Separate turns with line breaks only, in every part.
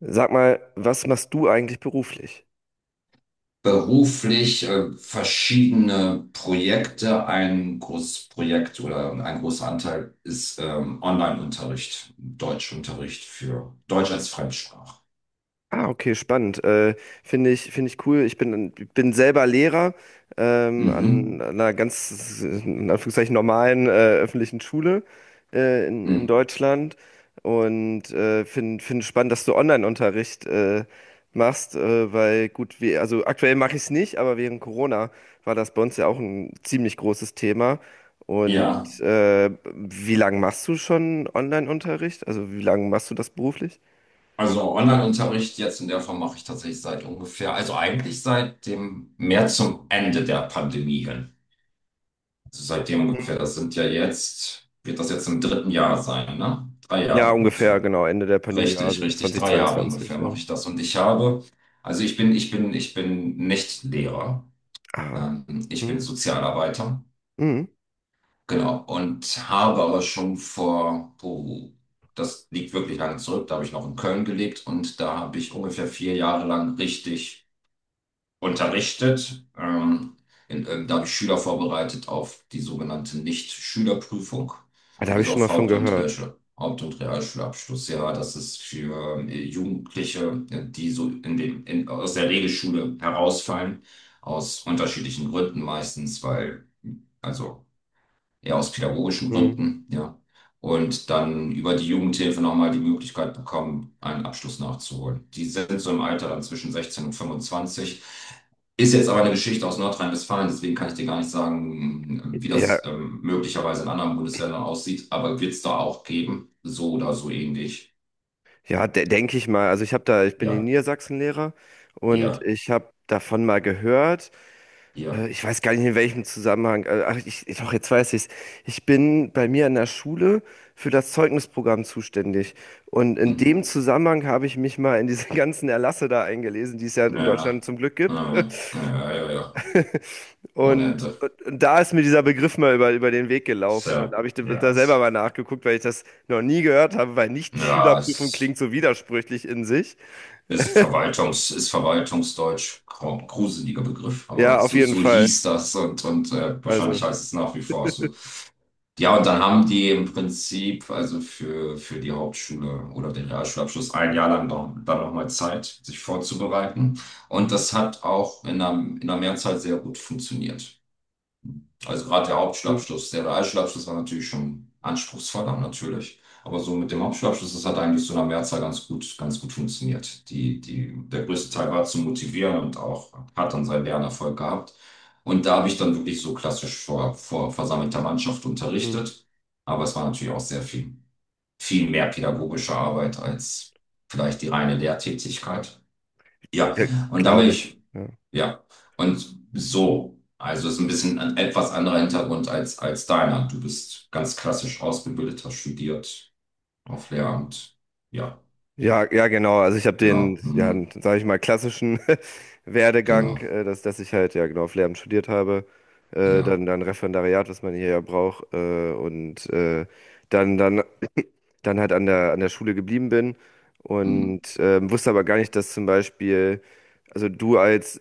Sag mal, was machst du eigentlich beruflich?
Beruflich verschiedene Projekte. Ein großes Projekt oder ein großer Anteil ist Online-Unterricht, Deutschunterricht für Deutsch als Fremdsprache.
Ah, okay, spannend. Finde ich cool. Ich bin selber Lehrer,
Mhm.
an einer ganz, in Anführungszeichen, normalen öffentlichen Schule in
Mhm.
Deutschland, und finde spannend, dass du Online-Unterricht machst, weil gut, wir, also aktuell mache ich es nicht, aber während Corona war das bei uns ja auch ein ziemlich großes Thema. Und
Ja,
wie lange machst du schon Online-Unterricht? Also wie lange machst du das beruflich?
also Online-Unterricht jetzt in der Form mache ich tatsächlich seit ungefähr, also eigentlich seit dem mehr zum Ende der Pandemie hin. Also seitdem ungefähr, das sind ja jetzt, wird das jetzt im dritten Jahr sein, ne? Drei
Ja,
Jahre
ungefähr,
ungefähr.
genau, Ende der Pandemie,
Richtig,
also
richtig. Drei Jahre
2022,
ungefähr
ja.
mache ich das. Und also ich bin nicht Lehrer.
Ah,
Ich bin
hm,
Sozialarbeiter.
hm.
Genau. Und habe aber schon vor, oh, das liegt wirklich lange zurück. Da habe ich noch in Köln gelebt und da habe ich ungefähr vier Jahre lang richtig unterrichtet. Da habe ich Schüler vorbereitet auf die sogenannte Nicht-Schülerprüfung,
Ah, da habe ich
also
schon mal
auf
von gehört.
Haupt- und Realschulabschlussjahr. Das ist für Jugendliche, die so aus der Regelschule herausfallen, aus unterschiedlichen Gründen meistens, weil also ja, aus pädagogischen
Hm.
Gründen, ja. Und dann über die Jugendhilfe nochmal die Möglichkeit bekommen, einen Abschluss nachzuholen. Die sind so im Alter dann zwischen 16 und 25. Ist jetzt aber eine Geschichte aus Nordrhein-Westfalen, deswegen kann ich dir gar nicht sagen, wie
Ja,
das möglicherweise in anderen Bundesländern aussieht, aber wird es da auch geben, so oder so ähnlich.
ja, de denke ich mal. Also ich bin in
Ja,
Niedersachsen Lehrer, und
ja,
ich habe davon mal gehört.
ja.
Ich weiß gar nicht, in welchem Zusammenhang. Ach, doch, jetzt weiß ich es. Ich bin bei mir an der Schule für das Zeugnisprogramm zuständig. Und in dem
Mhm.
Zusammenhang habe ich mich mal in diese ganzen Erlasse da eingelesen, die es ja in
Ja,
Deutschland zum Glück gibt.
ja, ja, ja, ja, ja. Ohne
Und,
Ende.
und, und da ist mir dieser Begriff mal über den Weg gelaufen. Und da
So,
habe ich da
ja,
da selber
es,
mal nachgeguckt, weil ich das noch nie gehört habe, weil
ja,
Nicht-Schülerprüfung
es.
klingt so widersprüchlich in sich.
Ist Verwaltungsdeutsch, gruseliger Begriff, aber
Ja, auf
so,
jeden
so
Fall.
hieß das und, und wahrscheinlich
Also,
heißt es nach wie vor so. Ja, und dann haben die im Prinzip also für die Hauptschule oder den Realschulabschluss ein Jahr lang noch, dann nochmal Zeit, sich vorzubereiten. Und
mhm.
das hat auch in der Mehrzahl sehr gut funktioniert. Also gerade der
Mhm.
Hauptschulabschluss, der Realschulabschluss war natürlich schon anspruchsvoller natürlich. Aber so mit dem Hauptschulabschluss, das hat eigentlich so in der Mehrzahl ganz gut funktioniert. Der größte Teil war zu motivieren und auch hat dann seinen Lernerfolg gehabt. Und da habe ich dann wirklich so klassisch vor versammelter Mannschaft
Mhm.
unterrichtet. Aber es war natürlich auch viel mehr pädagogische Arbeit als vielleicht die reine Lehrtätigkeit. Ja,
Ja,
und dann bin
glaube ich.
ich
Ja.
ja, und so, also ist ein bisschen ein etwas anderer Hintergrund als deiner. Du bist ganz klassisch ausgebildet, hast studiert auf Lehramt. Ja,
Ja, ja, genau. Also ich habe den,
genau,
ja,
hm,
sage ich mal, klassischen Werdegang,
genau,
dass ich halt, ja genau, Lehramt studiert habe,
ja.
dann Referendariat, was man hier ja braucht, und dann, dann, dann halt an der, Schule geblieben bin,
Hm,
und wusste aber gar nicht, dass zum Beispiel, also du als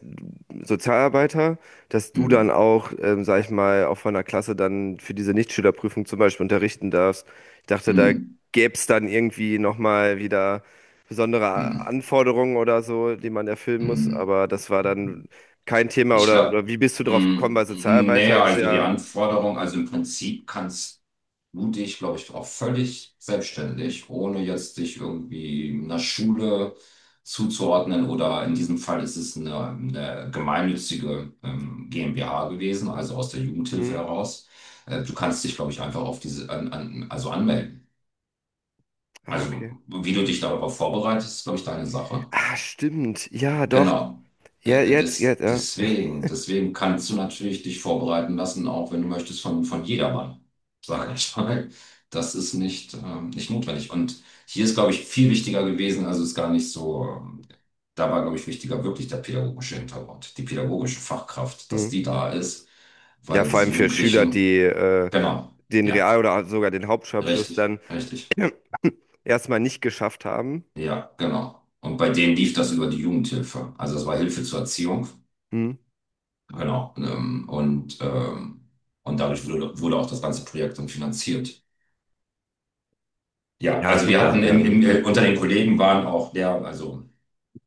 Sozialarbeiter, dass du dann
hm,
auch, sag ich mal, auch von der Klasse dann für diese Nichtschülerprüfung zum Beispiel unterrichten darfst. Ich dachte, da
hm,
gäbe es dann irgendwie nochmal wieder besondere
hm,
Anforderungen oder so, die man erfüllen muss,
hm.
aber das war dann kein Thema,
Ich
oder,
glaube,
oder wie bist du drauf gekommen? Weil
hm, nee,
Sozialarbeiter ist
also die
ja.
Anforderung, also im Prinzip kannst mutig, glaube ich, auch völlig selbstständig, ohne jetzt sich irgendwie einer Schule zuzuordnen oder in diesem Fall ist es eine gemeinnützige GmbH gewesen, also aus der Jugendhilfe
Hm?
heraus. Du kannst dich, glaube ich, einfach auf diese, also anmelden.
Ah,
Also
okay.
wie du dich darauf vorbereitest, ist, glaube ich, deine Sache.
Ah, stimmt. Ja, doch.
Genau.
Ja, jetzt, jetzt, ja.
Deswegen kannst du natürlich dich vorbereiten lassen, auch wenn du möchtest, von jedermann, sage ich mal. Das ist nicht, nicht notwendig. Und hier ist, glaube ich, viel wichtiger gewesen, also ist gar nicht so, da war, glaube ich, wichtiger wirklich der pädagogische Hintergrund, die pädagogische Fachkraft, dass
Hm.
die da ist,
Ja,
weil
vor
diese
allem für Schüler,
Jugendlichen,
die
genau,
den
ja,
Real- oder sogar den Hauptschulabschluss
richtig,
dann
richtig,
erstmal nicht geschafft haben.
ja, genau. Und bei denen lief das über die Jugendhilfe. Also das war Hilfe zur Erziehung.
Hm.
Genau. Und dadurch wurde auch das ganze Projekt dann finanziert. Ja,
Ja,
also
gut,
wir
also
hatten
ja, ja.
unter den Kollegen waren auch also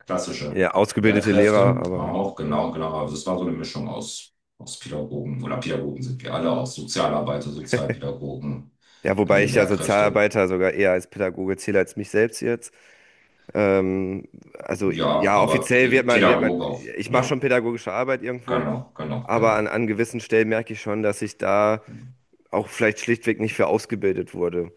klassische
Ja, ausgebildete Lehrer,
Lehrkräfte,
aber
auch genau, genau. Also es war so eine Mischung aus, aus Pädagogen oder Pädagogen sind wir alle, auch Sozialarbeiter, Sozialpädagogen,
ja, wobei ich ja
Lehrkräfte.
Sozialarbeiter sogar eher als Pädagoge zähle als mich selbst jetzt. Ähm, also
Ja,
ja,
aber
offiziell
Pädagoge auch.
ich mache
Ja,
schon pädagogische Arbeit irgendwo,
genau, genau,
aber
genau.
an gewissen Stellen merke ich schon, dass ich da auch vielleicht schlichtweg nicht für ausgebildet wurde.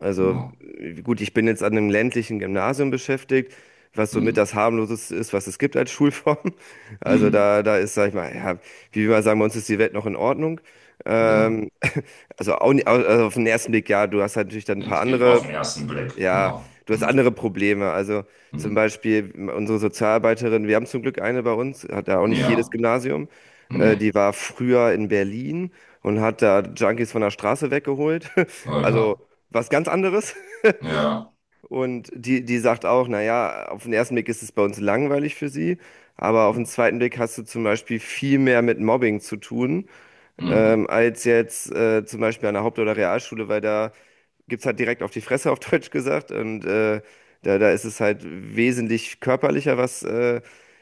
Also
Genau.
gut, ich bin jetzt an einem ländlichen Gymnasium beschäftigt, was somit
Hm,
das harmloseste ist, was es gibt als Schulform. Also
hm,
da ist, sag ich mal, ja, wie wir mal sagen, bei uns ist die Welt noch in Ordnung.
ja,
Ähm, also, auch, also auf den ersten Blick, ja, du hast halt natürlich dann ein paar
Auf
andere,
den ersten Blick,
ja,
genau.
du hast
Hm,
andere Probleme. Also zum
hm.
Beispiel unsere Sozialarbeiterin, wir haben zum Glück eine bei uns, hat da auch nicht jedes
Ja,
Gymnasium. Äh,
nee,
die war früher in Berlin und hat da Junkies von der Straße weggeholt.
oh ja,
Also was ganz anderes.
ja,
Und die sagt auch, naja, auf den ersten Blick ist es bei uns langweilig für sie, aber auf den zweiten Blick hast du zum Beispiel viel mehr mit Mobbing zu tun,
mhm.
als jetzt zum Beispiel an der Haupt- oder Realschule, weil da gibt's halt direkt auf die Fresse, auf Deutsch gesagt. Und da ist es halt wesentlich körperlicher, was, äh,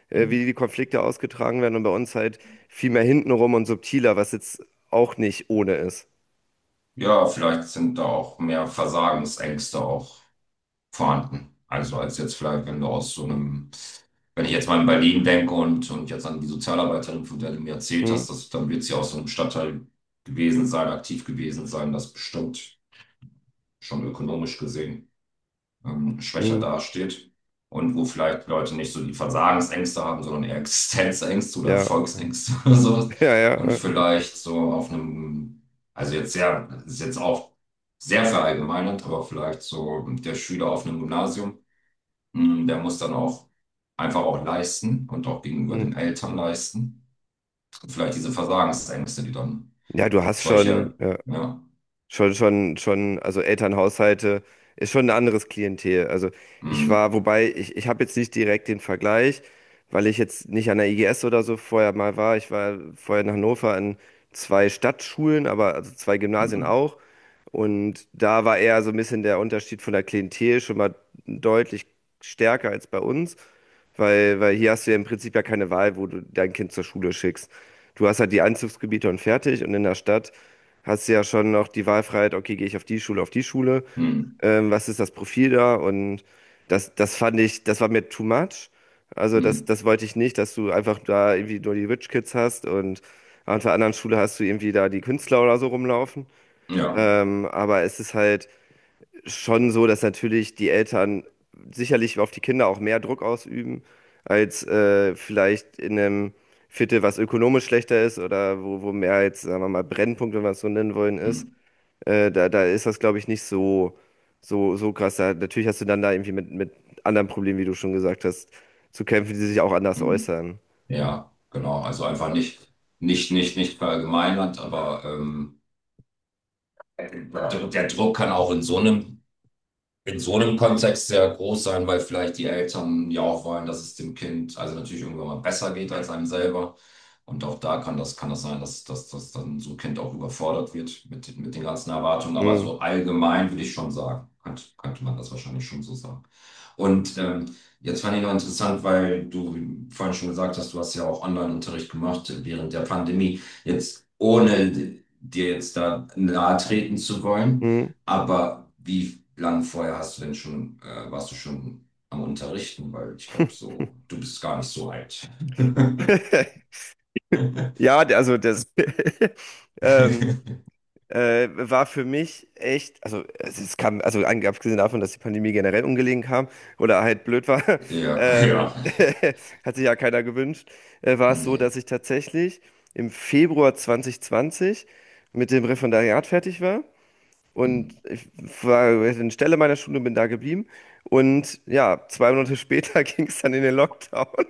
äh, wie die Konflikte ausgetragen werden. Und bei uns halt viel mehr hintenrum und subtiler, was jetzt auch nicht ohne ist.
Ja, vielleicht sind da auch mehr Versagensängste auch vorhanden. Also als jetzt vielleicht, wenn du aus so einem, wenn ich jetzt mal in Berlin denke und jetzt an die Sozialarbeiterin, von der du mir erzählt
Hm,
hast, dass, dann wird sie aus so einem Stadtteil gewesen sein, aktiv gewesen sein, das bestimmt schon ökonomisch gesehen schwächer
hm,
dasteht und wo vielleicht Leute nicht so die Versagensängste haben, sondern eher Existenzängste oder
ja,
Erfolgsängste oder sowas.
ja, ja.
Und vielleicht so auf einem, also jetzt sehr, ist jetzt auch sehr verallgemeinert, aber vielleicht so der Schüler auf einem Gymnasium, mh, der muss dann auch einfach auch leisten und auch gegenüber
Hm.
den Eltern leisten. Und vielleicht diese Versagensängste, die dann
Ja, du hast schon.
solche,
Ja.
ja,
Schon, schon, schon, also Elternhaushalte ist schon ein anderes Klientel. Also
mh,
wobei, ich habe jetzt nicht direkt den Vergleich, weil ich jetzt nicht an der IGS oder so vorher mal war. Ich war vorher in Hannover an zwei Stadtschulen, aber also zwei Gymnasien
mh,
auch. Und da war eher so ein bisschen der Unterschied von der Klientel schon mal deutlich stärker als bei uns, weil hier hast du ja im Prinzip ja keine Wahl, wo du dein Kind zur Schule schickst. Du hast halt die Einzugsgebiete und fertig, und in der Stadt hast du ja schon noch die Wahlfreiheit, okay, gehe ich auf die Schule,
mh,
was ist das Profil da? Und das, das fand ich, das war mir too much. Also das,
mh,
das wollte ich nicht, dass du einfach da irgendwie nur die Rich Kids hast und auf der anderen Schule hast du irgendwie da die Künstler oder so rumlaufen.
ja,
Aber es ist halt schon so, dass natürlich die Eltern sicherlich auf die Kinder auch mehr Druck ausüben als vielleicht in einem Viertel, was ökonomisch schlechter ist oder wo mehr jetzt, sagen wir mal, Brennpunkt, wenn wir es so nennen wollen,
mh,
ist. Da ist das, glaube ich, nicht so, so, so krass. Da, natürlich hast du dann da irgendwie mit anderen Problemen, wie du schon gesagt hast, zu kämpfen, die sich auch anders
mh.
äußern.
Ja, genau. Also einfach nicht, nicht verallgemeinert, aber der, der Druck kann auch in so einem Kontext sehr groß sein, weil vielleicht die Eltern ja auch wollen, dass es dem Kind also natürlich irgendwann mal besser geht als einem selber. Und auch da kann kann das sein, dass dann so ein Kind auch überfordert wird mit den ganzen Erwartungen. Aber so
Mhm.
allgemein würde ich schon sagen, könnte man das wahrscheinlich schon so sagen. Und jetzt fand ich noch interessant, weil du vorhin schon gesagt hast, du hast ja auch Online-Unterricht gemacht während der Pandemie. Jetzt ohne dir jetzt da nahe treten zu wollen.
Mhm.
Aber wie lang vorher hast du denn schon, warst du schon am Unterrichten? Weil ich glaube, so, du bist gar nicht so alt.
Ja, also das. ähm, war für mich echt, also es kam, also abgesehen davon, dass die Pandemie generell ungelegen kam oder halt blöd war,
Ja, ja.
ähm, hat sich ja keiner gewünscht, war es so, dass
Nee.
ich tatsächlich im Februar 2020 mit dem Referendariat fertig war
Hm.
und ich war in Stelle meiner Schule, bin da geblieben. Und ja, 2 Monate später ging es dann in den Lockdown.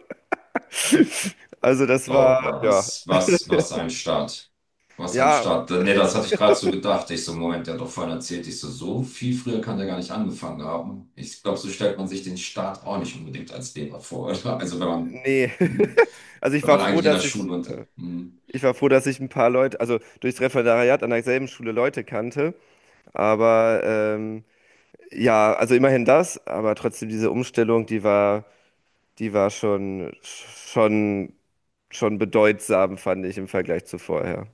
Also das
Oh,
war, ja,
was ein Start. Was ein
ja,
Start. Nee, das hatte ich gerade so gedacht. Ich so, Moment, der hat doch vorhin erzählt, ich so, so viel früher kann der gar nicht angefangen haben. Ich glaube, so stellt man sich den Start auch nicht unbedingt als Lehrer vor, oder? Also wenn man,
nee.
hm,
Also ich
wenn
war
man
froh,
eigentlich in der
dass ich,
Schule und,
äh,
hm,
Ich war froh, dass ich ein paar Leute, also durchs Referendariat an derselben Schule Leute kannte. Aber ja, also immerhin das, aber trotzdem diese Umstellung, die war schon, schon, schon bedeutsam, fand ich im Vergleich zu vorher.